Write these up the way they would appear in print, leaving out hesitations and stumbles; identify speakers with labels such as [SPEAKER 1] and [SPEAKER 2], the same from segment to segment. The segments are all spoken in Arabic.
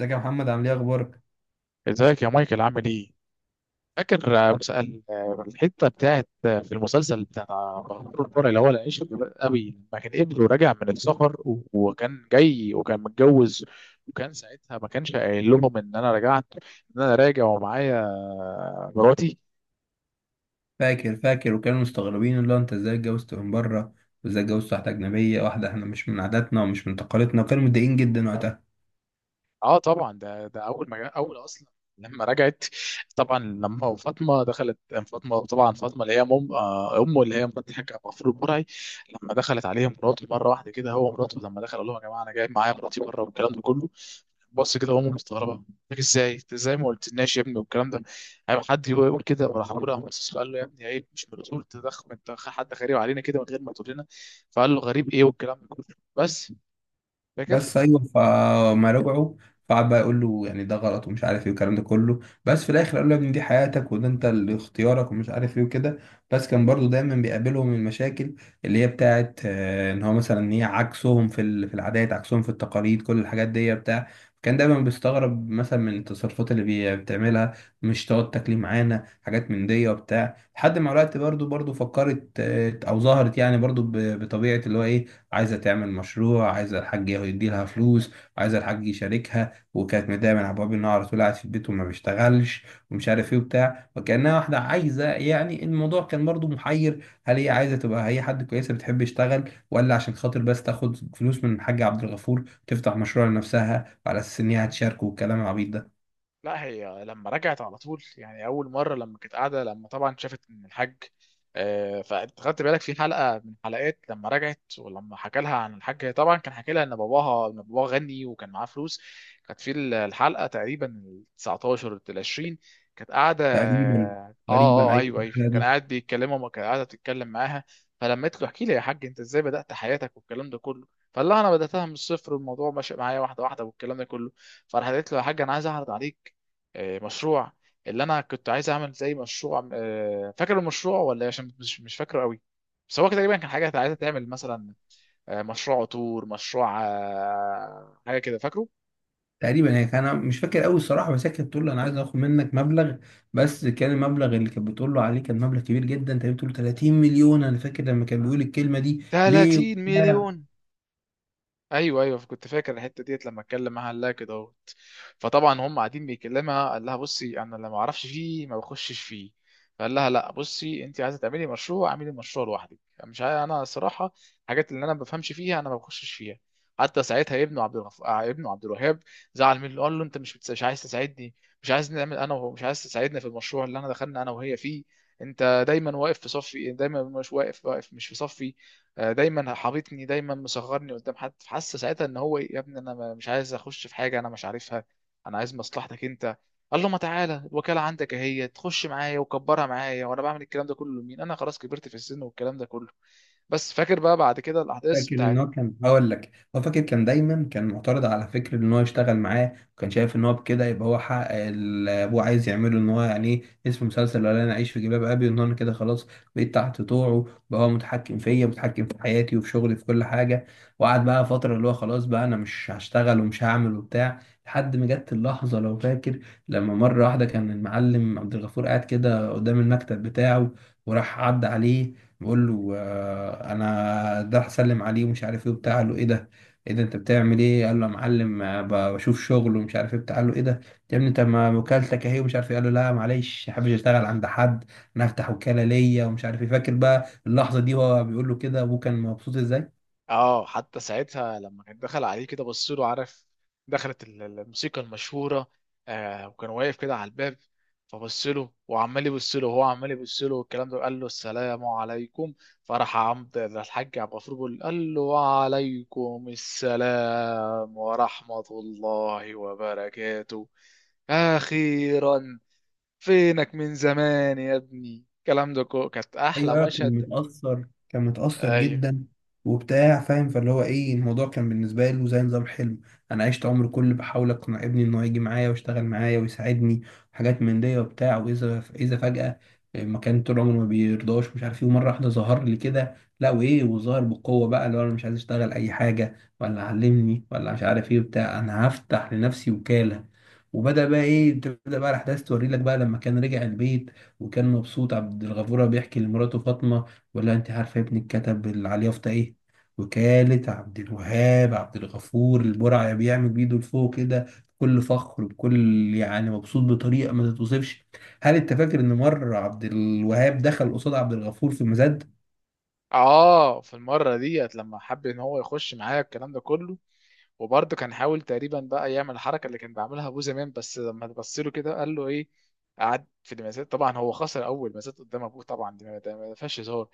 [SPEAKER 1] ازيك يا محمد؟ عامل ايه؟ اخبارك؟
[SPEAKER 2] ازيك يا مايكل عامل ايه؟ فاكر مسأل الحته بتاعت في المسلسل بتاع بهدور الفرع اللي هو العيش قوي لما كان ابنه راجع من السفر وكان جاي وكان متجوز. وكان ساعتها ما كانش قايل لهم ان انا رجعت، ان انا راجع ومعايا مراتي.
[SPEAKER 1] فاكر وكانوا مستغربين اللي هو انت ازاي اتجوزت من بره، وازاي اتجوزت واحده اجنبيه، واحده احنا مش من عاداتنا ومش من تقاليدنا، وكانوا متضايقين جدا وقتها.
[SPEAKER 2] اه طبعا ده اول ما اول اصلا لما رجعت. طبعا لما فاطمه دخلت. فاطمه طبعا فاطمه اللي هي امه اللي هي مرات الحاج ابو غفور البرعي. لما دخلت عليه مراته مره واحده كده، هو مراته لما دخل قال لهم يا جماعه انا جايب معايا مراتي بره والكلام ده كله. بص كده امه مستغربه، قلت لك ازاي إنت ازاي ما قلتلناش يا ابني والكام ده، هيبقى حد يقول كده. وراح ابوه راح بص له قال له يا ابني عيب، مش من الاصول تدخل انت حد غريب علينا كده من غير ما تقول لنا. فقال له غريب ايه والكلام ده كله. بس فاكر.
[SPEAKER 1] بس ايوه، فما رجعوا فقعد بقى يقول له يعني ده غلط ومش عارف ايه والكلام ده كله، بس في الاخر قال له يا ابني دي حياتك وده انت اللي اختيارك ومش عارف ايه وكده. بس كان برضو دايما بيقابلهم المشاكل اللي هي بتاعت ان هو مثلا، ان هي عكسهم في في العادات، عكسهم في التقاليد، كل الحاجات دي بتاع. كان دايما بيستغرب مثلا من التصرفات اللي بتعملها. مش تقعد تاكلي معانا حاجات من دي وبتاع، لحد ما الوقت برضو فكرت او ظهرت، يعني برضو بطبيعة اللي هو ايه، عايزة تعمل مشروع، عايزة الحاج يدي لها فلوس، وعايزة الحاج يشاركها. وكانت متضايقة من عبد الوهاب إن هو على طول قاعد في البيت وما بيشتغلش، ومش عارف إيه وبتاع، وكأنها واحدة عايزة، يعني الموضوع كان برضو محير، هل هي عايزة تبقى هي حد كويسة بتحب يشتغل، ولا عشان خاطر بس تاخد فلوس من الحاج عبد الغفور تفتح مشروع لنفسها وعلى أساس إن هي هتشاركه والكلام العبيط ده.
[SPEAKER 2] لا هي لما رجعت على طول، يعني اول مره لما كانت قاعده لما طبعا شافت ان الحاج فانت خدت بالك في حلقه من حلقات لما رجعت، ولما حكى لها عن الحاج هي طبعا كان حكى لها ان باباها، ان باباها غني وكان معاه فلوس. كانت في الحلقه تقريبا ال 19 ال 20، كانت قاعده
[SPEAKER 1] تقريبا.
[SPEAKER 2] اه.
[SPEAKER 1] تقريبا
[SPEAKER 2] اه ايوه ايوه، كان
[SPEAKER 1] أيوة.
[SPEAKER 2] قاعد بيتكلموا ما كان قاعده تتكلم معاها. فلما قلت له احكي لي يا حاج انت ازاي بدات حياتك والكلام ده كله. فقال لها انا بداتها من الصفر والموضوع ماشي معايا واحده واحده والكلام ده كله. فراح قالت له يا حاج انا عايز اعرض عليك مشروع، اللي انا كنت عايز اعمل زي مشروع، فاكر المشروع ولا إيه؟ عشان مش فاكره قوي. بس هو كده تقريبا كان حاجه عايزه تعمل مثلا مشروع عطور، مشروع حاجه كده فاكره.
[SPEAKER 1] تقريبا هي كان، أنا مش فاكر قوي الصراحه، بس هي كانت بتقول له انا عايز اخد منك مبلغ، بس كان المبلغ اللي كانت بتقول له عليه كان مبلغ كبير جدا، تقريبا بتقول له 30 مليون. انا فاكر لما كان بيقول الكلمه دي ليه
[SPEAKER 2] 30
[SPEAKER 1] وبتاع.
[SPEAKER 2] مليون. ايوه ايوه كنت فاكر الحته ديت. لما اتكلم معاها قال لها كده اهوت. فطبعا هم قاعدين بيكلمها قال لها بصي انا لما اعرفش فيه ما بخشش فيه. فقال لها لا بصي انت عايزه تعملي مشروع اعملي مشروع لوحدك. مش عاي... انا صراحه، الحاجات اللي انا ما بفهمش فيها انا ما بخشش فيها. حتى ساعتها ابنه عبد الغف... آه، ابنه عبد الوهاب زعل منه، قال له انت مش عايز تساعدني، مش عايز نعمل انا وهو، مش عايز تساعدنا في المشروع اللي انا دخلنا انا وهي فيه. انت دايما واقف في صفي، دايما مش واقف مش في صفي. دايما حاططني دايما مصغرني قدام حد. فحس ساعتها ان هو إيه، يا ابني انا مش عايز اخش في حاجه انا مش عارفها، انا عايز مصلحتك انت. قال له ما تعالى الوكاله عندك اهي، تخش معايا وكبرها معايا، وانا بعمل الكلام ده كله لمين؟ انا خلاص كبرت في السن والكلام ده كله. بس فاكر بقى بعد كده الاحداث
[SPEAKER 1] فاكر ان
[SPEAKER 2] بتاعت.
[SPEAKER 1] هو كان، هقول لك هو فاكر، كان دايما كان معترض على فكره ان هو يشتغل معاه، وكان شايف ان هو بكده يبقى هو حقق اللي ابوه عايز يعمله، ان هو يعني ايه اسم مسلسل، ولا انا اعيش في جلباب ابي، ان انا كده خلاص بقيت تحت طوعه، بقى هو متحكم فيا، متحكم في حياتي وفي شغلي في كل حاجه. وقعد بقى فتره اللي هو خلاص بقى انا مش هشتغل ومش هعمل وبتاع، لحد ما جت اللحظه لو فاكر، لما مره واحده كان المعلم عبد الغفور قاعد كده قدام المكتب بتاعه، وراح عدى عليه بقول له انا ده هسلم عليه ومش عارف ايه وبتاع. قال له ايه ده؟ ايه ده انت بتعمل ايه؟ قال له يا معلم، بشوف شغل ومش عارف ايه بتاع. قال له ايه ده يا ابني، انت ما وكالتك اهي، ومش عارف ايه. قال له لا معلش، ما حابش اشتغل عند حد، انا هفتح وكالة ليا ومش عارف ايه. فاكر بقى اللحظة دي وهو بيقول له كده ابوه كان مبسوط ازاي.
[SPEAKER 2] اه حتى ساعتها لما كان دخل عليه كده بص له، عارف، دخلت الموسيقى المشهوره، آه، وكان واقف كده على الباب. فبص له وعمال يبص له وهو عمال يبص له والكلام ده. قال له السلام عليكم. فراح عمد الحاج عبد الغفور بيقول قال له وعليكم السلام ورحمه الله وبركاته، اخيرا، فينك من زمان يا ابني. الكلام ده كانت
[SPEAKER 1] ايوه
[SPEAKER 2] احلى
[SPEAKER 1] ايوه، كان
[SPEAKER 2] مشهد.
[SPEAKER 1] متأثر، كان متأثر
[SPEAKER 2] ايوه.
[SPEAKER 1] جدا وبتاع، فاهم؟ فاللي هو ايه، الموضوع كان بالنسبة له زي نظام حلم، انا عشت عمري كله بحاول اقنع ابني انه يجي معايا ويشتغل معايا ويساعدني، حاجات من دي وبتاع، واذا اذا فجأة، ما كان طول عمره ما بيرضاش مش عارف ايه، ومرة واحدة ظهر لي كده، لا وايه، وظهر بقوة بقى اللي هو انا مش عايز اشتغل اي حاجة ولا علمني ولا مش عارف ايه وبتاع، انا هفتح لنفسي وكالة. وبدأ بقى ايه، تبدأ بقى الاحداث توري لك بقى، لما كان رجع البيت وكان مبسوط عبد الغفور، وهو بيحكي لمراته فاطمة، ولا انت عارفة ابني اتكتب على اليافطة ايه؟ وكالة عبد الوهاب عبد الغفور البرعي، بيعمل بيده لفوق كده بكل فخر، بكل يعني مبسوط بطريقة ما تتوصفش. هل انت فاكر ان مرة عبد الوهاب دخل قصاد عبد الغفور في مزاد؟
[SPEAKER 2] اه في المره ديت لما حب ان هو يخش معايا الكلام ده كله، وبرضه كان حاول تقريبا بقى يعمل الحركه اللي كان بيعملها ابوه زمان، بس لما تبص له كده قال له ايه. قعد في المزاد، طبعا هو خسر اول مزاد قدام ابوه، طبعا دي ما فيهاش هزار.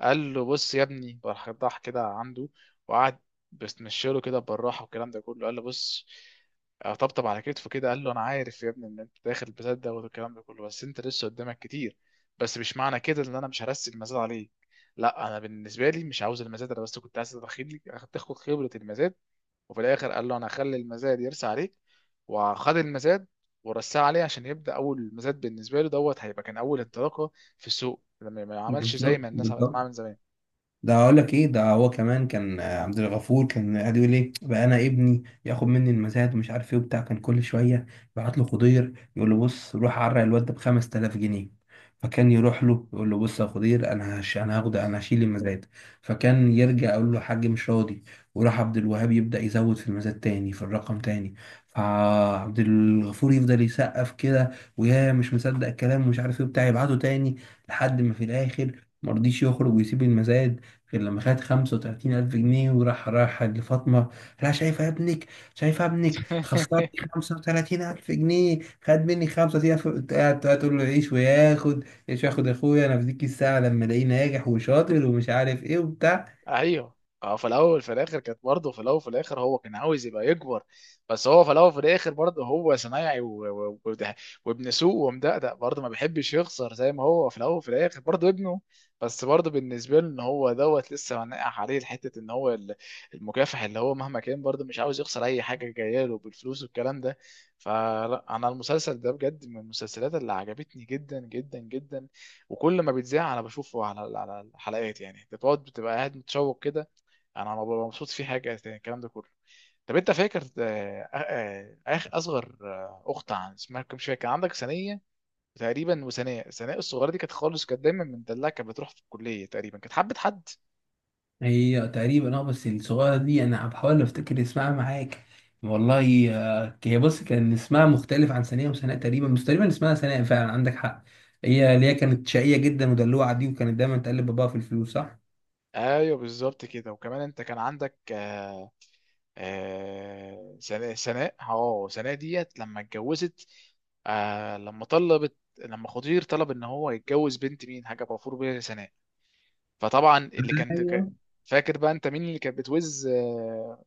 [SPEAKER 2] قال له بص يا ابني، راح راح كده عنده، وقعد بيستمشيله كده بالراحه والكلام ده كله، قال له بص، طبطب على كتفه كده قال له انا عارف يا ابني ان انت داخل البلد ده والكلام ده كله، بس انت لسه قدامك كتير. بس مش معنى كده ان انا مش هرسي المزاد عليك. لا انا بالنسبه لي مش عاوز المزاد، انا بس كنت عايز تاخد خبره المزاد. وفي الاخر قال له انا هخلي المزاد يرسى عليك. وخد المزاد ورساه عليه عشان يبدا اول مزاد بالنسبه له دوت، هيبقى كان اول انطلاقه في السوق، لما ما عملش زي
[SPEAKER 1] بالظبط
[SPEAKER 2] ما الناس عملت
[SPEAKER 1] بالظبط.
[SPEAKER 2] معاه من زمان.
[SPEAKER 1] ده اقول لك ايه، ده هو كمان كان، عبد الغفور كان قاعد يقول ايه بقى، انا ابني ياخد مني المزاد ومش عارف ايه وبتاع، كان كل شويه يبعت له خضير يقول له بص روح عرق الواد ده ب 5000 جنيه. فكان يروح له يقول له بص يا خضير، انا هش، انا هاخد، انا هشيل المزاد. فكان يرجع يقول له، حاج مش راضي. وراح عبد الوهاب يبدا يزود في المزاد تاني، في الرقم تاني. فعبد الغفور يفضل يسقف كده، ويا مش مصدق الكلام ومش عارف ايه وبتاع، يبعته تاني، لحد ما في الاخر مرضيش يخرج ويسيب المزاد غير لما خد 35000 جنيه. وراح لفاطمة. لا شايفة ابنك، شايفة ابنك خسرت 35000 جنيه، خد مني 35000، قاعد تقول له عيش وياخد، عيش وياخد، يا أخويا أنا في ديك الساعة لما ألاقيه ناجح وشاطر ومش عارف إيه وبتاع.
[SPEAKER 2] ايوه. اه في الاول في الاخر كانت برضه، في الاول في الاخر هو كان عاوز يبقى يكبر. بس هو في الاول في الاخر برضه هو صنايعي و... و... وابن سوق ومدقدق، برضه ما بيحبش يخسر زي ما هو في الاول في الاخر برضه ابنه. بس برضه بالنسبه له ان هو دوت لسه منقح عليه حته ان هو المكافح، اللي هو مهما كان برضه مش عاوز يخسر اي حاجه جايه له بالفلوس والكلام ده. فلا انا المسلسل ده بجد من المسلسلات اللي عجبتني جدا جدا جدا، وكل ما بيتذاع انا بشوفه على على الحلقات. يعني انت بتقعد بتبقى قاعد متشوق كده، انا ما ببقى مبسوط في حاجه تاني الكلام ده كله. طب انت فاكر اخ اصغر، اخت عن اسمها كم مش فاكر، كان عندك ثانيه تقريبا، وثناء، ثناء الصغيره دي كانت خالص كانت دايما مدلعه، كانت بتروح في الكليه تقريبا كانت حبه حد.
[SPEAKER 1] هي تقريبا أه، بس الصغيرة دي أنا بحاول أفتكر اسمها معاك. والله، هي بص، كان اسمها مختلف عن ثانية وسناء تقريبا، بس تقريبا اسمها ثناء فعلا، عندك حق. هي اللي هي كانت شقية جدا ودلوعة دي، وكانت دايما تقلب باباها في الفلوس، صح؟
[SPEAKER 2] ايوه بالظبط كده. وكمان انت كان عندك سناء، سناء اه، سناء ديت لما اتجوزت، آه، لما طلبت، لما خضير طلب ان هو يتجوز بنت مين، حاجه غفور بيها سناء. فطبعا اللي كان
[SPEAKER 1] ايوه.
[SPEAKER 2] فاكر بقى انت مين اللي كانت بتوز آه،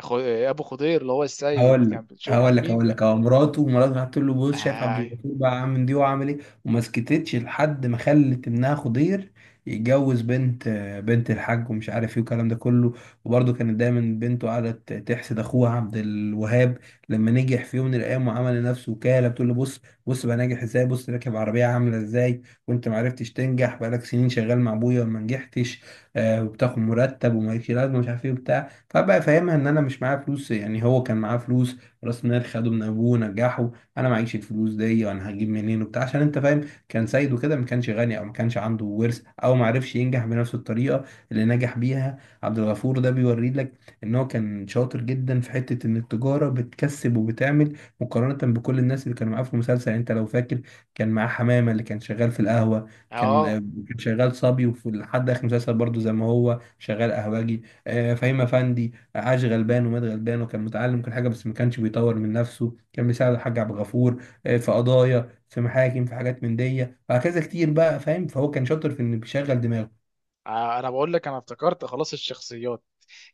[SPEAKER 2] خ- آه، ابو خضير اللي هو السيد
[SPEAKER 1] هقول لك
[SPEAKER 2] كان، بتشوف
[SPEAKER 1] هقول لك
[SPEAKER 2] مين
[SPEAKER 1] هقول لك
[SPEAKER 2] بقى.
[SPEAKER 1] هو، مراته راحت تقول له بص شايف عبد
[SPEAKER 2] اه.
[SPEAKER 1] الغفور بقى عامل دي وعامل ايه، وما سكتتش لحد ما خلت ابنها خضير يتجوز بنت الحاج ومش عارف ايه والكلام ده كله. وبرده كانت دايما بنته قعدت تحسد اخوها عبد الوهاب لما نجح في يوم من الايام وعمل لنفسه وكاله، بتقول له بص بص بقى ناجح ازاي، بص راكب عربيه عامله ازاي، وانت ما عرفتش تنجح، بقالك سنين شغال مع ابويا وما نجحتش، آه، وبتاخد مرتب ومالكش لازمه مش عارف ايه وبتاع. فبقى فاهمها ان انا مش معايا فلوس، يعني هو كان معاه فلوس، راس مال خده من ابوه ونجحه، انا معيش الفلوس دي، وانا هجيب منين وبتاع؟ عشان انت فاهم، كان سيد كده، ما كانش غني او ما كانش عنده ورث، او ما عرفش ينجح بنفس الطريقه اللي نجح بيها عبد الغفور. ده بيوري لك ان هو كان شاطر جدا في حته ان التجاره بتكسب وبتعمل مقارنه بكل الناس اللي كانوا معاه في المسلسل. يعني انت لو فاكر، كان معاه حمامه اللي كان شغال في القهوه، كان
[SPEAKER 2] آه.
[SPEAKER 1] كان شغال صبي، وفي لحد اخر المسلسل برضه زي ما هو شغال قهوجي. فهيم افندي عاش غلبان ومات غلبان، وكان متعلم كل حاجه بس ما كانش بيطور من نفسه، كان بيساعد الحاج عبد الغفور في قضايا، في محاكم، في حاجات من دي، وهكذا كتير بقى، فاهم؟ فهو كان شاطر في انه بيشغل دماغه.
[SPEAKER 2] انا بقول لك انا افتكرت خلاص الشخصيات.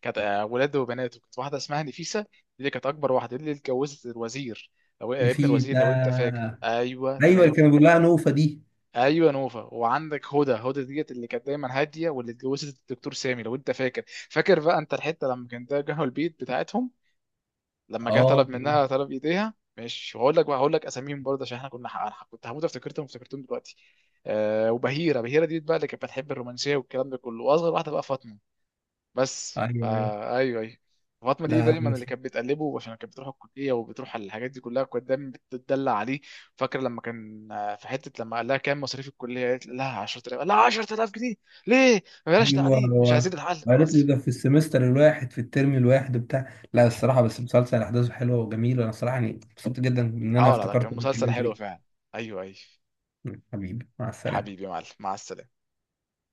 [SPEAKER 2] كانت ولاده وبناته، كانت واحده اسمها نفيسه دي اللي كانت اكبر واحده، دي اللي اتجوزت الوزير، لو
[SPEAKER 1] اللي
[SPEAKER 2] ابن
[SPEAKER 1] فيه
[SPEAKER 2] الوزير
[SPEAKER 1] ده؟
[SPEAKER 2] لو انت فاكر. ايوه
[SPEAKER 1] ايوه، اللي
[SPEAKER 2] تمام.
[SPEAKER 1] كانوا بيقول لها نوفه دي.
[SPEAKER 2] ايوه نوفا. وعندك هدى، هدى ديت اللي كانت دايما هاديه، واللي اتجوزت الدكتور سامي لو انت فاكر. فاكر بقى انت الحته لما كان ده جه البيت بتاعتهم، لما جه
[SPEAKER 1] اه.
[SPEAKER 2] طلب منها طلب ايديها، مش هقول لك بقى هقول لك اساميهم برضه عشان احنا كنا، أنا كنت هموت افتكرتهم افتكرتهم دلوقتي. آه وبهيره، بهيره ديت بقى اللي كانت بتحب الرومانسيه والكلام ده كله. واصغر واحده بقى فاطمه. بس
[SPEAKER 1] ايوه ايوه.
[SPEAKER 2] فا ايوه ايوه. فاطمه دي
[SPEAKER 1] لا لا،
[SPEAKER 2] دايما اللي
[SPEAKER 1] بس.
[SPEAKER 2] كانت بتقلبه عشان كانت بتروح الكليه وبتروح على الحاجات دي كلها، كانت دايما بتدلع عليه. فاكر لما كان في حته لما قال لها كام مصاريف الكليه، قالت لها 10000، قال لها 10000 جنيه؟ ليه؟ ما بلاش
[SPEAKER 1] ايوه.
[SPEAKER 2] تعليم، مش
[SPEAKER 1] هو
[SPEAKER 2] عايزين الحل
[SPEAKER 1] قالت له
[SPEAKER 2] اصلا.
[SPEAKER 1] ده في السمستر الواحد في الترم الواحد وبتاع. لا الصراحه، بس مسلسل احداثه حلوه وجميله، انا الصراحه يعني مبسوط جدا ان انا
[SPEAKER 2] اه لا لا
[SPEAKER 1] افتكرت
[SPEAKER 2] كان
[SPEAKER 1] إني
[SPEAKER 2] مسلسل
[SPEAKER 1] اتكلمت
[SPEAKER 2] حلو
[SPEAKER 1] فيه.
[SPEAKER 2] فعلا. ايوه ايوه.
[SPEAKER 1] حبيبي مع
[SPEAKER 2] يا
[SPEAKER 1] السلامه.
[SPEAKER 2] حبيبي يا معلم مع السلامه.